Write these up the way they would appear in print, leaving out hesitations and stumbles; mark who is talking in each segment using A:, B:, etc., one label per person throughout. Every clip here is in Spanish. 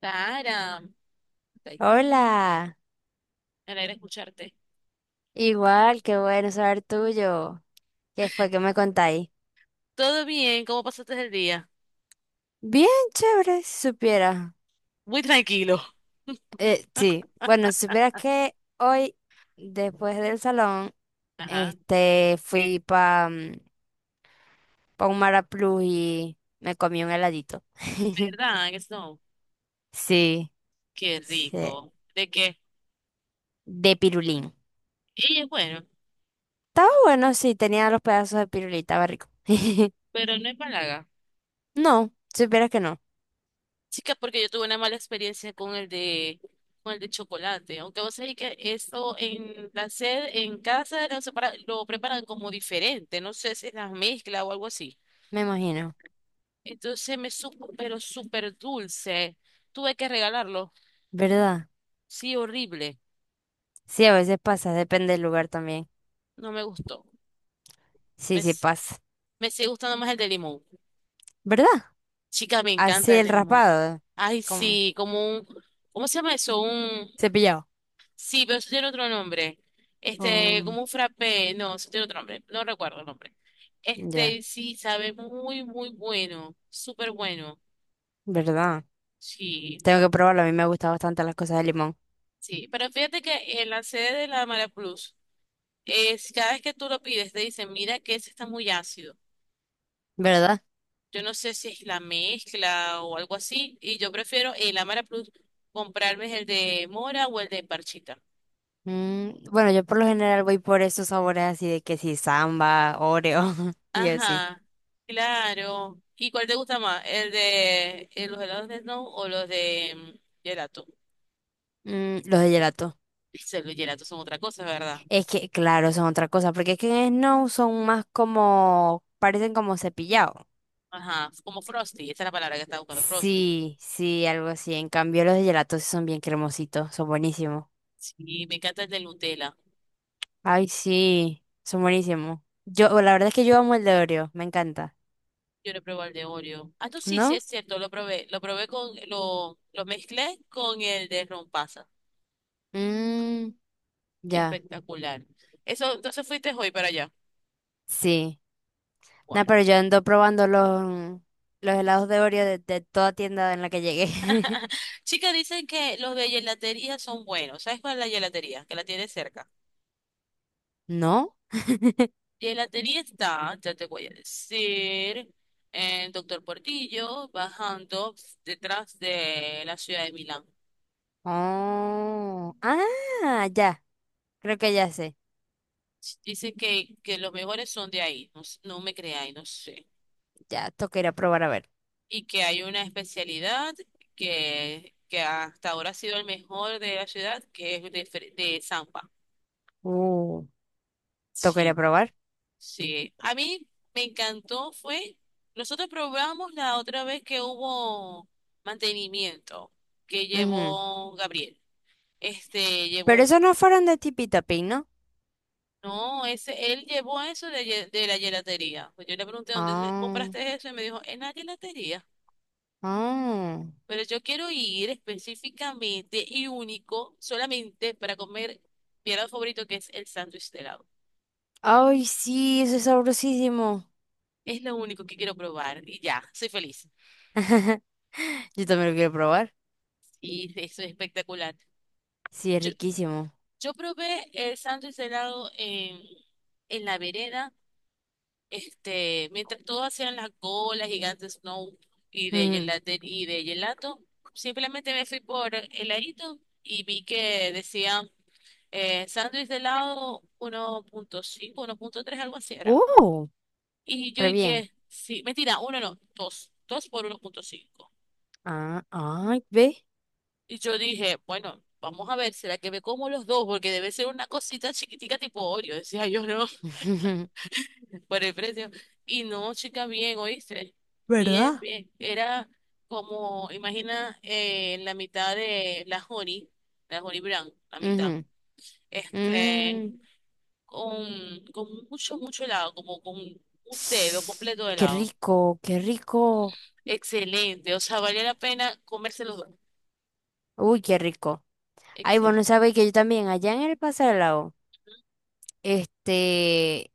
A: Clara, estoy-
B: Hola,
A: me alegra escucharte.
B: igual, qué bueno saber tuyo. ¿Qué fue que me contáis?
A: ¿Todo bien? ¿Cómo pasaste el día?
B: Bien, chévere, si supiera.
A: Muy tranquilo.
B: Sí, bueno, si supieras que hoy, después del salón,
A: Ajá,
B: este, fui pa, pa un Maraplus y me comí un heladito.
A: ¿verdad? Eso,
B: Sí,
A: qué
B: sí,
A: rico. ¿De qué?
B: de pirulín.
A: Y es bueno,
B: Estaba bueno, sí, tenía los pedazos de pirulita, estaba rico.
A: pero no es palaga.
B: No, si supieras que no,
A: Chica, porque yo tuve una mala experiencia con el de chocolate. Aunque vos sabés que eso en la sed, en casa lo, lo preparan como diferente. No sé si es la mezcla o algo así.
B: me imagino,
A: Entonces me supo, pero súper dulce. Tuve que regalarlo.
B: ¿verdad?
A: Sí, horrible.
B: Sí, a veces pasa, depende del lugar también.
A: No me gustó.
B: Sí, sí
A: ¿Ves?
B: pasa.
A: Me sigue gustando más el de limón.
B: ¿Verdad?
A: Chica, me
B: Así
A: encanta el
B: el
A: de limón.
B: raspado,
A: Ay,
B: como
A: sí, como un, ¿cómo se llama eso? Un,
B: cepillado.
A: sí, pero eso tiene otro nombre. Este,
B: Um,
A: como un frappé, no, eso tiene otro nombre, no recuerdo el nombre.
B: ya,
A: Este, sí, sabe muy, muy bueno, súper bueno.
B: ¿verdad?
A: Sí,
B: Tengo que probarlo, a mí me gustan bastante las cosas de limón,
A: sí, pero fíjate que en la sede de la Mara Plus, es, cada vez que tú lo pides, te dicen, mira que ese está muy ácido.
B: ¿verdad?
A: Yo no sé si es la mezcla o algo así. Y yo prefiero el Amara Plus, comprarme el de mora o el de parchita.
B: Mm, bueno, yo por lo general voy por esos sabores así de que si samba, Oreo y así.
A: Ajá, claro. ¿Y cuál te gusta más? ¿El de los helados de Snow o los de gelato?
B: Mm, los de gelato.
A: Ese, los gelatos son otra cosa, ¿verdad?
B: Es que, claro, son otra cosa, porque es que en Snow son más como, parecen como cepillado.
A: Ajá, como Frosty. Esa es la palabra que estaba buscando, Frosty.
B: Sí, sí, algo así. En cambio, los de gelato sí son bien cremositos, son buenísimos.
A: Sí, me encanta el de Nutella.
B: Ay, sí, son buenísimos. Yo, la verdad es que yo amo el de Oreo, me encanta.
A: Yo lo probé el de Oreo. Ah, tú sí, sí,
B: ¿No?
A: es cierto, lo probé. Lo probé con, lo mezclé con el de rompasas.
B: Mmm, ya,
A: Espectacular. Eso, entonces fuiste hoy para allá.
B: sí. Nah,
A: Bueno.
B: pero yo ando probando los, helados de Oreo de toda tienda en la que llegué.
A: Chicas, dicen que los de gelatería son buenos. ¿Sabes cuál es la gelatería? Que la tiene cerca.
B: ¿No?
A: Gelatería está, ya te voy a decir, en Doctor Portillo, bajando detrás de la ciudad de Milán.
B: Oh, ah, ya, creo que ya sé.
A: Dicen que los mejores son de ahí. No, no me creáis, no sé.
B: Ya, toca ir a probar a ver.
A: Y que hay una especialidad que hasta ahora ha sido el mejor de la ciudad, que es de, de Zampa.
B: Uh, toca ir a
A: Sí.
B: probar.
A: Sí, a mí me encantó, fue, nosotros probamos la otra vez que hubo mantenimiento que
B: Ujú.
A: llevó Gabriel. Este,
B: Pero
A: llevó un,
B: esos no fueron de Tipi Tapín, ¿no?
A: no, ese, él llevó eso de, de la gelatería. Pues yo le pregunté dónde te
B: Ah.
A: compraste eso y me dijo, en la gelatería.
B: Ah.
A: Pero yo quiero ir específicamente y único solamente para comer mi helado favorito que es el sándwich de helado.
B: Ay, sí, eso es sabrosísimo.
A: Es lo único que quiero probar y ya, soy feliz.
B: Yo también lo quiero probar.
A: Y eso es espectacular.
B: Sí, es riquísimo.
A: Yo probé el sándwich de helado en la vereda, este, mientras todos hacían las golas gigantes snow
B: Ujú.
A: y de gelato, simplemente me fui por heladito y vi que decían sándwich de helado uno punto cinco, uno punto tres algo así era.
B: Uh,
A: Y yo
B: re bien.
A: dije, sí, mentira, uno no, dos, dos por uno punto cinco.
B: Ah, ay, ve.
A: Y yo dije, bueno, vamos a ver, ¿será que me como los dos? Porque debe ser una cosita chiquitica tipo Oreo, decía yo, no, por el precio. Y no, chica, bien, oíste. Bien,
B: ¿Verdad?
A: bien. Era como, imagina, la mitad de la Jory Brown, la mitad.
B: Ujú.
A: Este,
B: Mm.
A: con mucho, mucho helado, como con un dedo completo de
B: Qué
A: helado.
B: rico, qué rico.
A: Excelente. O sea, valía la pena comerse los dos.
B: Uy, qué rico. Ay, bueno,
A: Excelente.
B: sabéis que yo también, allá en el Paso del Lago, este,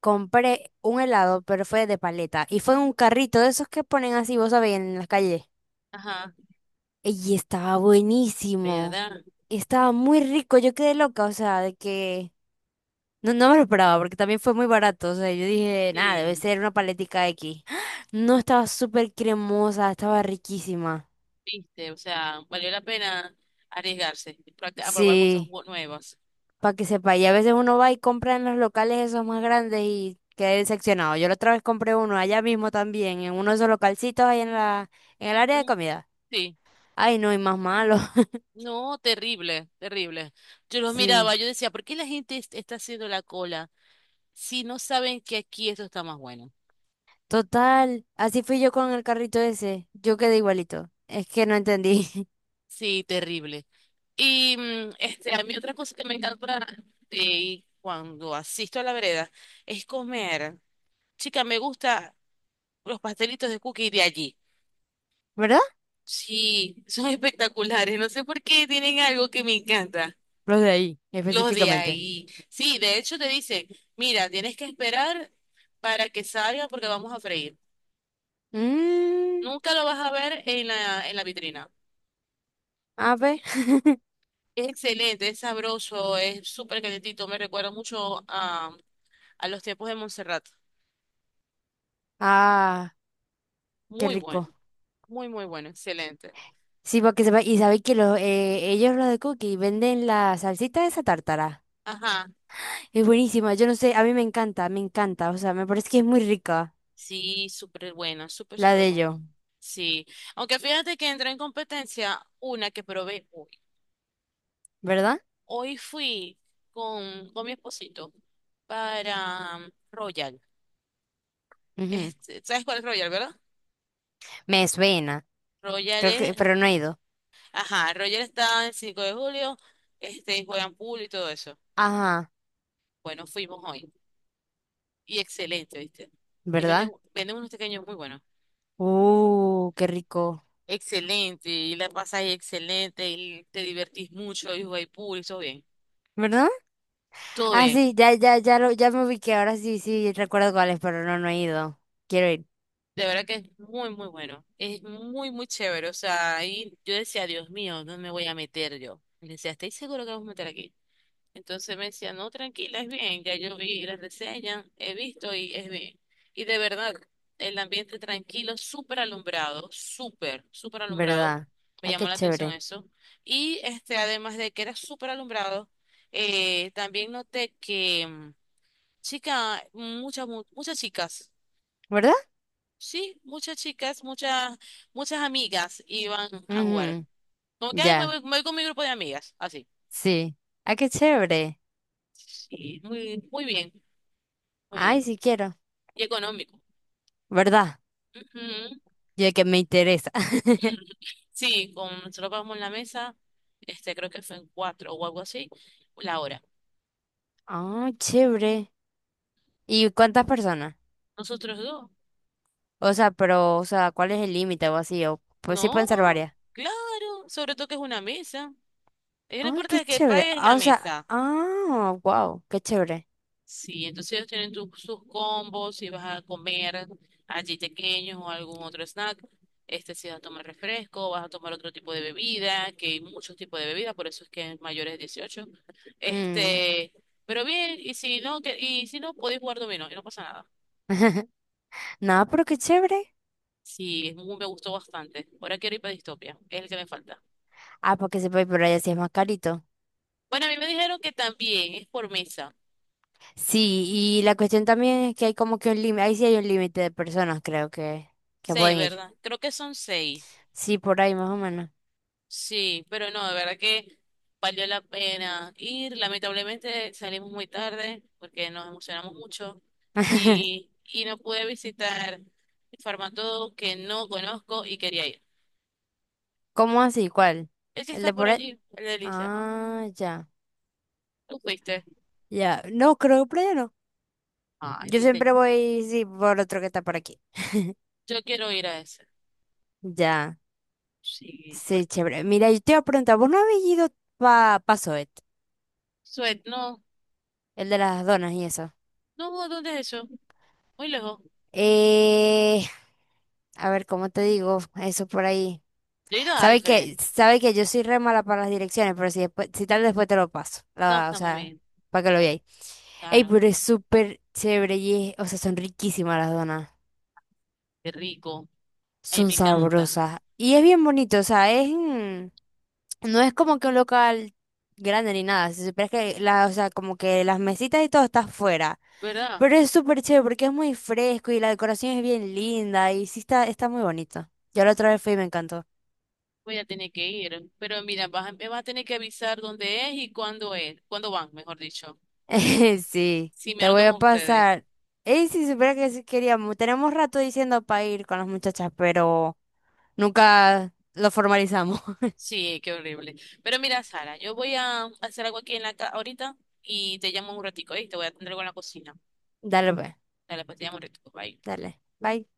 B: compré un helado, pero fue de paleta. Y fue en un carrito de esos que ponen así, vos sabéis, en las calles.
A: Ajá,
B: Y estaba buenísimo.
A: ¿verdad?
B: Estaba muy rico. Yo quedé loca, o sea, de que no, no me lo esperaba porque también fue muy barato. O sea, yo dije, nada, debe
A: Sí,
B: ser una paletica X. No, estaba súper cremosa, estaba riquísima.
A: viste. O sea, valió la pena arriesgarse, a probar cosas
B: Sí,
A: nuevas.
B: para que sepa. Y a veces uno va y compra en los locales esos más grandes y queda decepcionado. Yo la otra vez compré uno allá mismo también, en uno de esos localcitos ahí en la, en el área de
A: Mm,
B: comida.
A: sí.
B: Ay, no, y más malo.
A: No, terrible, terrible. Yo los
B: Sí.
A: miraba, yo decía, ¿por qué la gente está haciendo la cola si no saben que aquí esto está más bueno?
B: Total, así fui yo con el carrito ese. Yo quedé igualito. Es que no entendí.
A: Sí, terrible. Y este, a mí otra cosa que me encanta cuando asisto a la vereda es comer. Chica, me gusta los pastelitos de cookie de allí.
B: ¿Verdad?
A: Sí, son espectaculares. No sé por qué tienen algo que me encanta.
B: Los de ahí,
A: Los de
B: específicamente.
A: ahí. Sí, de hecho te dicen, mira, tienes que esperar para que salga porque vamos a freír.
B: Mm,
A: Nunca lo vas a ver en la vitrina.
B: a ver.
A: Es excelente, es sabroso, es súper calentito. Me recuerda mucho a los tiempos de Montserrat.
B: Ah, qué
A: Muy
B: rico.
A: bueno, muy, muy bueno, excelente.
B: Sí, porque se va. Y sabéis que los, ellos, los de Cookie, venden la salsita de esa tártara.
A: Ajá,
B: Es buenísima. Yo no sé, a mí me encanta, me encanta. O sea, me parece que es muy rica
A: sí, súper buena, súper,
B: la
A: súper
B: de
A: buena.
B: ellos,
A: Sí, aunque fíjate que entró en competencia una que probé hoy.
B: ¿verdad?
A: Hoy fui con mi esposito para Royal.
B: Ujú.
A: Este, ¿sabes cuál es Royal, verdad?
B: Me suena.
A: Royal
B: Creo que,
A: es...
B: pero no he ido.
A: Ajá, Roger está en 5 de julio, este, juegan pool y todo eso.
B: Ajá,
A: Bueno, fuimos hoy. Y excelente, ¿viste? Y venden,
B: ¿verdad?
A: venden unos pequeños muy buenos.
B: Qué rico.
A: Excelente, y la pasas ahí excelente, y te divertís mucho, y jugáis pool, y todo bien.
B: ¿Verdad?
A: Todo
B: Ah,
A: bien.
B: sí, ya, ya, ya lo, ya me ubiqué, ahora sí, sí, recuerdo cuál es, pero no, no he ido. Quiero ir,
A: De verdad que es muy, muy bueno. Es muy, muy chévere. O sea, ahí yo decía, Dios mío, ¿dónde me voy a meter yo? Y le decía, ¿estáis seguro que vamos a meter aquí? Entonces me decía, no, tranquila, es bien, ya yo vi las reseñas, he visto y es bien. Y de verdad, el ambiente tranquilo, súper alumbrado, súper, súper alumbrado,
B: ¿verdad?
A: me
B: Ay,
A: llamó
B: qué
A: la atención
B: chévere,
A: eso. Y este, además de que era súper alumbrado, también noté que, chica, muchas, muchas chicas,
B: ¿verdad?
A: sí, muchas chicas, muchas, muchas amigas iban a jugar.
B: Ujú,
A: Como que, ay,
B: ya,
A: me voy con mi grupo de amigas, así.
B: sí. Ay, qué chévere.
A: Sí, muy, muy bien, muy
B: Ay,
A: bien.
B: sí quiero,
A: Y económico.
B: ¿verdad?
A: Ujú.
B: Yo de que me interesa.
A: Sí, nosotros pagamos en la mesa, este creo que fue en cuatro o algo así, la hora.
B: Ah, chévere. ¿Y cuántas personas?
A: Nosotros dos.
B: O sea, pero, o sea, ¿cuál es el límite o así? O, pues sí
A: No,
B: pueden ser varias.
A: claro, sobre todo que es una mesa. Ellos no
B: Ay, qué
A: importa que
B: chévere.
A: pagues
B: Ah,
A: la
B: o sea,
A: mesa.
B: ah, wow, qué chévere.
A: Sí, entonces ellos tienen sus combos, si vas a comer allí pequeños o algún otro snack, este si vas a tomar refresco, vas a tomar otro tipo de bebida, que hay muchos tipos de bebidas, por eso es que es mayores de 18.
B: Mm.
A: Este, pero bien, y si no, que, y si no, podéis jugar dominó y no pasa nada.
B: No, pero qué chévere.
A: Sí, es muy- me gustó bastante. Ahora quiero ir para Distopia, es el que me falta.
B: Ah, porque se puede ir por allá si es más carito.
A: Bueno, a mí me dijeron que también es por mesa.
B: Sí, y la cuestión también es que hay como que un límite, ahí sí hay un límite de personas, creo que
A: Seis,
B: pueden ir.
A: ¿verdad? Creo que son seis.
B: Sí, por ahí más o menos.
A: Sí, pero no, de verdad que valió la pena ir. Lamentablemente salimos muy tarde porque nos emocionamos mucho y no pude visitar Farmatodo que no conozco y quería ir.
B: ¿Cómo así? ¿Cuál?
A: El que
B: ¿El
A: está
B: de
A: por
B: por ahí?
A: allí, el de Alicia, ajá.
B: Ah, ya,
A: ¿Tú fuiste?
B: ya. No, creo que por allá no.
A: Ay,
B: Yo
A: viste.
B: siempre voy, sí, por otro que está por aquí.
A: Yo quiero ir a ese.
B: Ya,
A: Sí, por...
B: sí, chévere. Mira, yo te iba a preguntar, ¿vos no habéis ido pa, pa Zoet?
A: Suet, no.
B: El de las donas y eso.
A: No, ¿dónde es eso? Muy lejos.
B: Eh, a ver, ¿cómo te digo? Eso por ahí.
A: Yo he ido a Alfred.
B: Sabe que yo soy re mala para las direcciones, pero si después, si tal después te lo paso.
A: No,
B: La, o
A: está muy
B: sea,
A: bien.
B: para que lo
A: Está
B: veáis. Ey,
A: caro.
B: pero es súper chévere y es- o sea, son riquísimas las donas.
A: Qué rico. Ahí
B: Son
A: me encanta.
B: sabrosas. Y es bien bonito, o sea, es en- no es como que un local grande ni nada. Si supieras que la, o sea, como que las mesitas y todo está afuera.
A: ¿Verdad?
B: Pero es súper chévere porque es muy fresco y la decoración es bien linda y sí está, está muy bonito. Yo la otra vez fui y me encantó.
A: Voy a tener que ir. Pero mira, vas a- me vas a tener que avisar dónde es y cuándo es. Cuándo van, mejor dicho.
B: Sí,
A: Sí, me
B: te voy
A: anoto
B: a
A: con ustedes.
B: pasar. Ey, si supiera que sí queríamos, tenemos rato diciendo para ir con las muchachas, pero nunca lo formalizamos.
A: Sí, qué horrible. Pero mira, Sara, yo voy a hacer algo aquí en la casa ahorita y te llamo un ratico, ¿eh? Te voy a atender algo en la cocina.
B: Dale, pues,
A: Dale, pues te llamo un ratico. Bye.
B: dale. Bye.